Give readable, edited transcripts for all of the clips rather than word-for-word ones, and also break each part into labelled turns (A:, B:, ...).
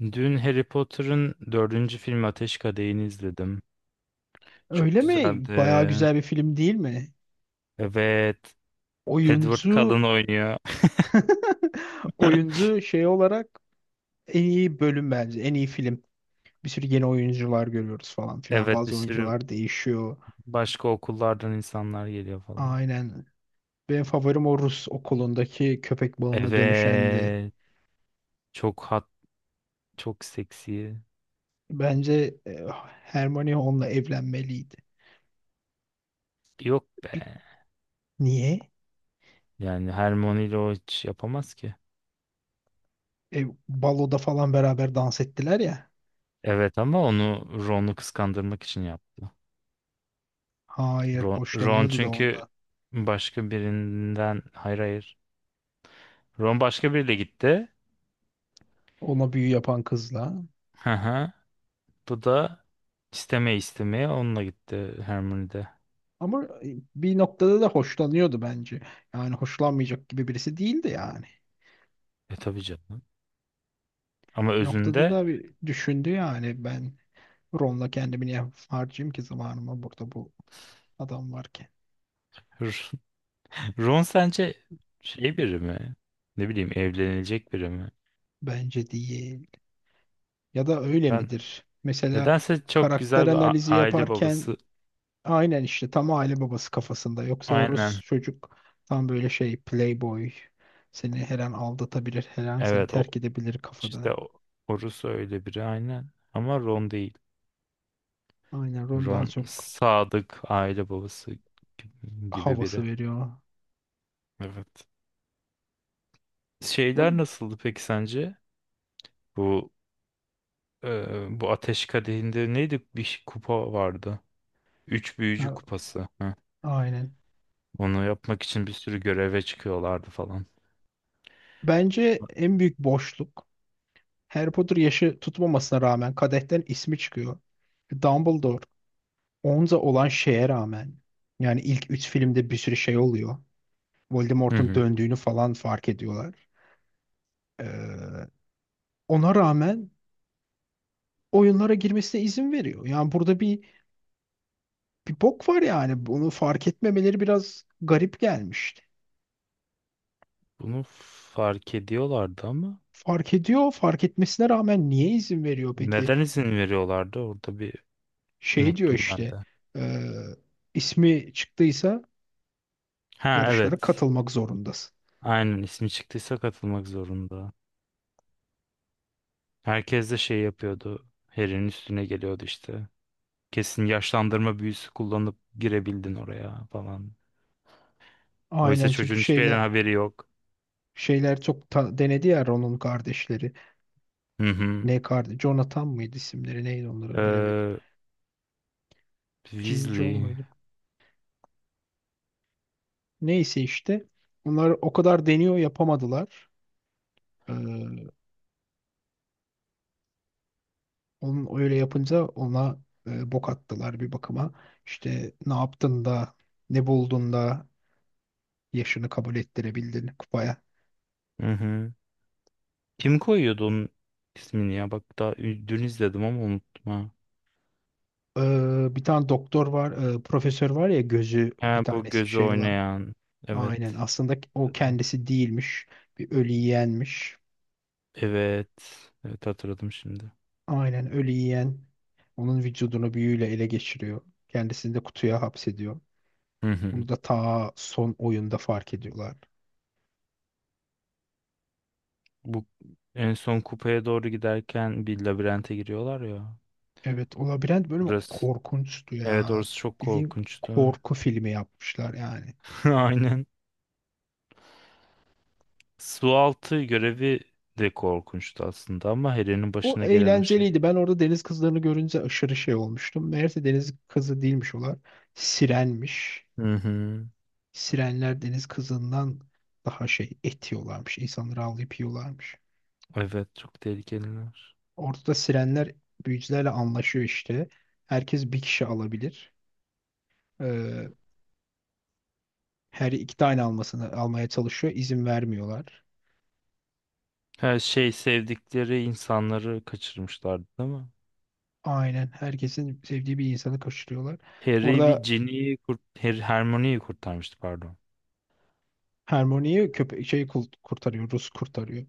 A: Dün Harry Potter'ın dördüncü filmi Ateş Kadehi'ni izledim. Çok
B: Öyle mi?
A: güzeldi.
B: Bayağı güzel bir film değil mi?
A: Evet. Edward Cullen
B: Oyuncu
A: oynuyor.
B: oyuncu şey olarak en iyi bölüm bence. En iyi film. Bir sürü yeni oyuncular görüyoruz falan filan.
A: Evet, bir
B: Bazı
A: sürü
B: oyuncular değişiyor.
A: başka okullardan insanlar geliyor falan.
B: Aynen. Benim favorim o Rus okulundaki köpek balığına dönüşendi.
A: Evet. Çok hat, çok seksi.
B: Bence Hermione onunla evlenmeliydi.
A: Yok
B: Bir-
A: be.
B: niye?
A: Yani Hermione ile o hiç yapamaz ki.
B: Baloda falan beraber dans ettiler ya.
A: Evet, ama onu Ron'u kıskandırmak için yaptı.
B: Hayır,
A: Ron
B: hoşlanıyordu da
A: çünkü
B: ondan.
A: başka birinden. Hayır, hayır. Ron başka biriyle gitti.
B: Ona büyü yapan kızla.
A: Hı hı. Bu da istemeye onunla gitti Hermione'de.
B: Ama bir noktada da hoşlanıyordu bence. Yani hoşlanmayacak gibi birisi değildi yani.
A: E, tabii canım. Ama
B: Bir noktada
A: özünde…
B: da bir düşündü yani ben Ron'la kendimi niye harcayayım ki zamanımı burada bu adam varken.
A: Ron sence şey biri mi? Ne bileyim, evlenilecek biri mi?
B: Bence değil. Ya da öyle
A: Ben
B: midir? Mesela
A: nedense çok
B: karakter
A: güzel bir
B: analizi
A: aile
B: yaparken
A: babası.
B: aynen işte tam aile babası kafasında. Yoksa o Rus
A: Aynen.
B: çocuk tam böyle şey playboy. Seni her an aldatabilir, her an seni
A: Evet, o
B: terk edebilir
A: işte.
B: kafada.
A: O, Horus öyle biri aynen. Ama Ron değil.
B: Aynen Ron daha
A: Ron
B: çok
A: sadık aile babası gibi
B: havası
A: biri.
B: veriyor.
A: Evet. Şeyler nasıldı peki sence? Bu bu Ateş Kadehi'nde neydi? Bir kupa vardı. Üç Büyücü
B: Ha,
A: Kupası. Heh.
B: aynen.
A: Onu yapmak için bir sürü göreve çıkıyorlardı falan.
B: Bence en büyük boşluk Harry Potter yaşı tutmamasına rağmen kadehten ismi çıkıyor. Dumbledore Onza olan şeye rağmen yani ilk 3 filmde bir sürü şey oluyor.
A: Hı
B: Voldemort'un
A: hı.
B: döndüğünü falan fark ediyorlar. Ee, ona rağmen oyunlara girmesine izin veriyor. Yani burada bir bok var yani. Bunu fark etmemeleri biraz garip gelmişti.
A: Bunu fark ediyorlardı ama
B: Fark ediyor, fark etmesine rağmen niye izin veriyor peki?
A: neden izin veriyorlardı? Orada bir…
B: Şey diyor
A: Unuttum ben
B: işte
A: de.
B: e, ismi çıktıysa
A: Ha,
B: yarışlara
A: evet.
B: katılmak zorundasın.
A: Aynen, ismi çıktıysa katılmak zorunda. Herkes de şey yapıyordu. Harry'nin üstüne geliyordu işte. Kesin yaşlandırma büyüsü kullanıp girebildin oraya falan. Oysa
B: Aynen çünkü
A: çocuğun hiçbir yerden haberi yok.
B: şeyler çok ta- denedi ya Ron'un kardeşleri.
A: Hı
B: Ne kardeş? Jonathan mıydı isimleri? Neydi onların bilemedim.
A: hı.
B: Jin John
A: Weasley.
B: muydu? Neyse işte onlar o kadar deniyor yapamadılar. Ee, onun öyle yapınca ona bok attılar bir bakıma. İşte ne yaptın da ne buldun da yaşını kabul ettirebildin kupaya.
A: Hı hı. Kim koyuyordu onun ismini ya? Bak, daha dün izledim ama unuttum ha.
B: Bir tane doktor var, profesör var ya gözü bir
A: Ha, bu
B: tanesi
A: gözü
B: şey olan.
A: oynayan. Evet.
B: Aynen aslında o kendisi değilmiş. Bir ölü yiyenmiş.
A: Evet. Evet, hatırladım şimdi.
B: Aynen ölü yiyen onun vücudunu büyüyle ele geçiriyor. Kendisini de kutuya hapsediyor.
A: Hı hı.
B: Bunu da ta son oyunda fark ediyorlar.
A: Bu en son kupaya doğru giderken bir labirente giriyorlar ya.
B: Evet, o labirent bölümü
A: Burası.
B: korkunçtu
A: Evet,
B: ya.
A: orası çok
B: Bildiğin
A: korkunçtu.
B: korku filmi yapmışlar yani.
A: Aynen. Su altı görevi de korkunçtu aslında, ama Harry'nin
B: O
A: başına gelen o şey.
B: eğlenceliydi. Ben orada deniz kızlarını görünce aşırı şey olmuştum. Meğerse deniz kızı değilmiş olar. Sirenmiş.
A: Hı hı.
B: Sirenler deniz kızından daha şey et yiyorlarmış. İnsanları avlayıp yiyorlarmış.
A: Evet, çok tehlikeliler.
B: Orada da sirenler büyücülerle anlaşıyor işte. Herkes bir kişi alabilir. Ee, her iki tane almasını almaya çalışıyor. İzin vermiyorlar.
A: Her şey sevdikleri insanları kaçırmışlardı değil mi?
B: Aynen. Herkesin sevdiği bir insanı kaçırıyorlar.
A: Harry bir
B: Orada
A: Ginny'yi kurt Her Hermione'yi kurtarmıştı, pardon.
B: Hermione'yi köpek şey kul- kurtarıyor. Rus kurtarıyor.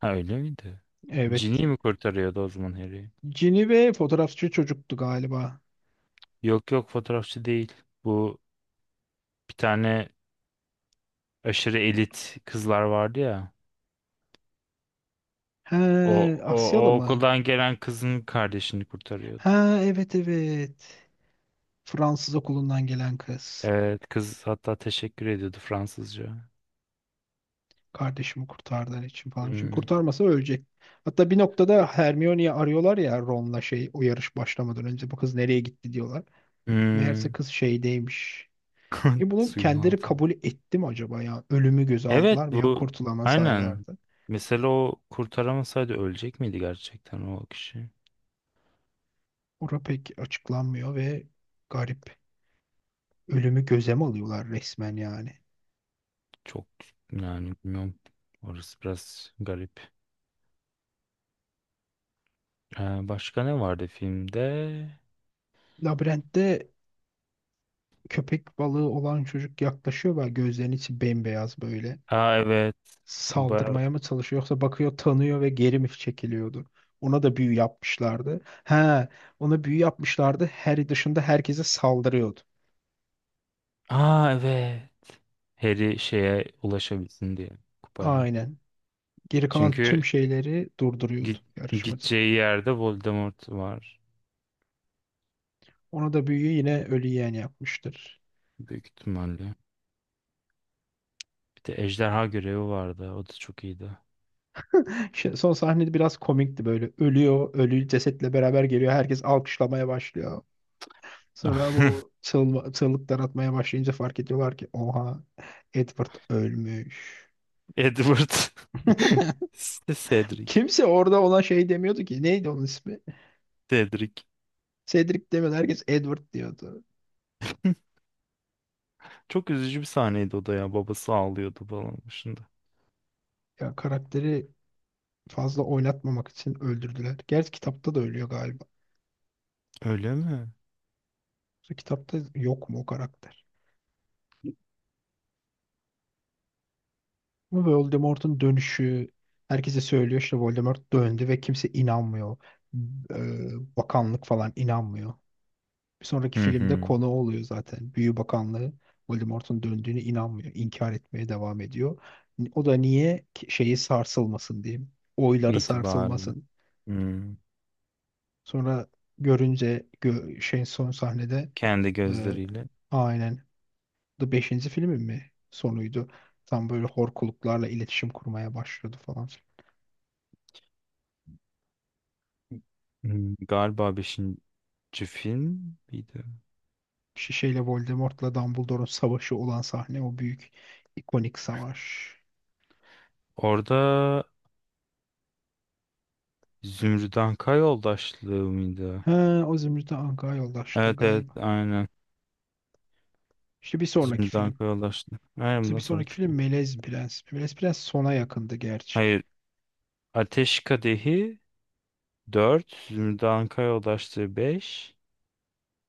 A: Ha, öyle miydi?
B: Evet.
A: Ginny mi kurtarıyordu o zaman Harry'i?
B: Cini ve fotoğrafçı çocuktu galiba.
A: Yok yok, fotoğrafçı değil. Bu bir tane aşırı elit kızlar vardı ya. O,
B: He,
A: o,
B: Asyalı
A: o
B: mı?
A: okuldan gelen kızın kardeşini kurtarıyordu.
B: Ha evet evet. Fransız okulundan gelen kız.
A: Evet, kız hatta teşekkür ediyordu Fransızca.
B: Kardeşimi kurtardığın için falan. Çünkü
A: Hmm.
B: kurtarmasa ölecek. Hatta bir noktada Hermione'yi arıyorlar ya Ron'la şey o yarış başlamadan önce bu kız nereye gitti diyorlar. Meğerse
A: Hmm.
B: kız şeydeymiş. E bunu
A: Suyun
B: kendileri
A: altında.
B: kabul etti mi acaba ya? Ölümü göze
A: Evet,
B: aldılar mı ya?
A: bu
B: Kurtulama
A: aynen.
B: saylardı.
A: Mesela o kurtaramasaydı ölecek miydi gerçekten o kişi?
B: Ora pek açıklanmıyor ve garip. Ölümü göze mi alıyorlar resmen yani?
A: Çok Yani bilmiyorum. Orası biraz garip. Başka ne vardı filmde?
B: Labirentte köpek balığı olan çocuk yaklaşıyor ve gözlerinin içi bembeyaz böyle.
A: Aa, evet. O bayağı…
B: Saldırmaya mı çalışıyor yoksa bakıyor tanıyor ve geri mi çekiliyordu? Ona da büyü yapmışlardı. He, ona büyü yapmışlardı. Harry dışında herkese saldırıyordu.
A: Aa, evet. Harry şeye ulaşabilsin diye, kupaya.
B: Aynen. Geri kalan
A: Çünkü
B: tüm şeyleri durduruyordu
A: git,
B: yarışmacı.
A: gideceği yerde Voldemort var.
B: Ona da büyüyü yine ölü yeğen yapmıştır.
A: Büyük ihtimalle. Bir de ejderha görevi vardı. O da çok iyiydi.
B: Şey, son sahnede biraz komikti böyle. Ölüyor, ölü cesetle beraber geliyor. Herkes alkışlamaya başlıyor. Sonra bu o çığlık, çığlıklar atmaya başlayınca fark ediyorlar ki oha Edward ölmüş.
A: Edward. Cedric.
B: Kimse orada olan şey demiyordu ki. Neydi onun ismi?
A: Cedric.
B: Cedric demiyordu. Herkes Edward diyordu.
A: Çok üzücü bir sahneydi o da ya. Babası ağlıyordu falan başında.
B: Ya karakteri fazla oynatmamak için öldürdüler. Gerçi kitapta da ölüyor galiba.
A: Öyle mi?
B: Kitapta yok mu o karakter? Ama Voldemort'un dönüşü herkese söylüyor işte Voldemort döndü ve kimse inanmıyor. Bakanlık falan inanmıyor. Bir sonraki
A: Hı
B: filmde
A: hı.
B: konu oluyor zaten. Büyü Bakanlığı Voldemort'un döndüğüne inanmıyor. İnkar etmeye devam ediyor. O da niye Ki- şeyi sarsılmasın diye. Oyları
A: İtibarlı.
B: sarsılmasın.
A: Hı.
B: Sonra görünce gö- şey son sahnede
A: Kendi
B: e,
A: gözleriyle.
B: aynen the 5. filmin mi sonuydu. Tam böyle horkuluklarla iletişim kurmaya başlıyordu falan.
A: Hı. Galiba beşinci film miydi?
B: Şişeyle Voldemort'la Dumbledore'un savaşı olan sahne o büyük ikonik savaş.
A: Orada Zümrüt Anka yoldaşlığı mıydı?
B: He, o Zümrüt'e Anka yoldaşlığı
A: Evet evet,
B: galiba.
A: aynen.
B: İşte bir sonraki
A: Zümrüt
B: film.
A: Anka yoldaşlığı. Aynen,
B: Yoksa bir
A: bundan
B: sonraki
A: sonraki
B: film
A: film.
B: Melez Prens. Melez Prens sona yakındı gerçi.
A: Hayır. Ateş Kadehi dört, Zümrüt Anka yoldaşlığı 5.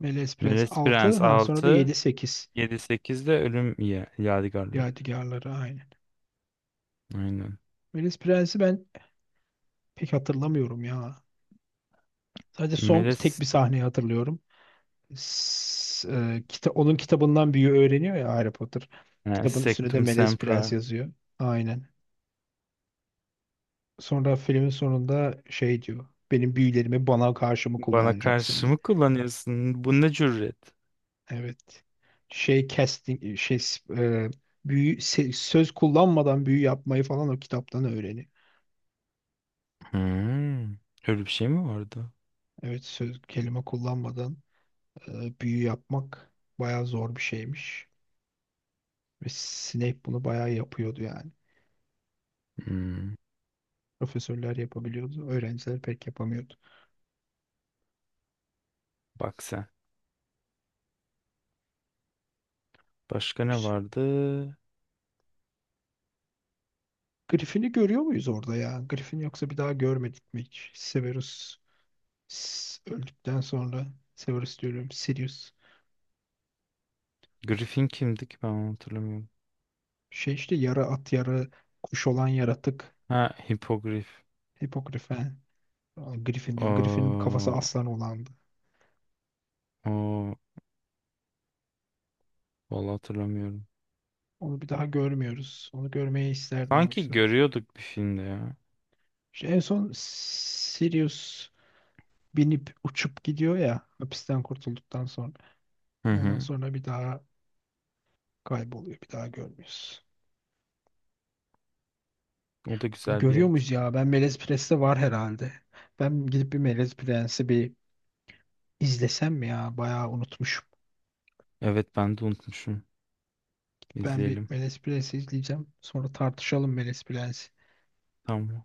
B: Melez Prens
A: Veles
B: 6,
A: Prens
B: ha sonra da
A: altı,
B: 7, 8.
A: yedi 8 de Ölüm Yadigarları.
B: Yadigarları aynen.
A: Aynen.
B: Melez Prens'i ben pek hatırlamıyorum ya. Sadece son tek
A: Meles…
B: bir sahneyi hatırlıyorum. S- kita onun kitabından büyü öğreniyor ya Harry Potter.
A: Ha,
B: Kitabın üstüne de
A: Sectum
B: Melez Prens
A: Sempra.
B: yazıyor. Aynen. Sonra filmin sonunda şey diyor. Benim büyülerimi bana karşı mı
A: Bana karşı
B: kullanacaksın?
A: mı kullanıyorsun? Bu ne cüret?
B: Evet. Şey casting şey e, büyü se- söz kullanmadan büyü yapmayı falan o kitaptan öğreni.
A: Hmm. Öyle bir şey mi vardı?
B: Evet söz kelime kullanmadan büyü yapmak bayağı zor bir şeymiş. Ve Snape bunu bayağı yapıyordu yani.
A: Hmm.
B: Profesörler yapabiliyordu. Öğrenciler pek yapamıyordu.
A: Bak sen. Başka ne
B: Güzel.
A: vardı?
B: Griffin'i görüyor muyuz orada ya? Griffin yoksa bir daha görmedik mi hiç? Severus s- öldükten sonra Severus diyorum Sirius.
A: Griffin kimdi ki, ben onu hatırlamıyorum.
B: Şey işte yarı at yarı kuş olan yaratık
A: Ha, Hipogrif.
B: Hipogrifen. Aa, Griffin diyorum. Griffin'in kafası
A: Oo,
B: aslan olandı.
A: oo, vallahi hatırlamıyorum.
B: Onu bir daha görmüyoruz. Onu görmeyi isterdim
A: Sanki
B: oysa.
A: görüyorduk bir filmde ya.
B: İşte en son Sirius binip uçup gidiyor ya hapisten kurtulduktan sonra.
A: Hı
B: Ondan
A: hı.
B: sonra bir daha kayboluyor. Bir daha görmüyoruz.
A: O da güzel bir
B: Görüyor muyuz
A: yaratık.
B: ya? Ben Melez Prens'te var herhalde. Ben gidip bir Melez Prens'i bir izlesem mi ya? Bayağı unutmuşum.
A: Evet, ben de unutmuşum.
B: Ben bir
A: İzleyelim.
B: Melez Prens'i izleyeceğim. Sonra tartışalım Melez Prens'i.
A: Tamam.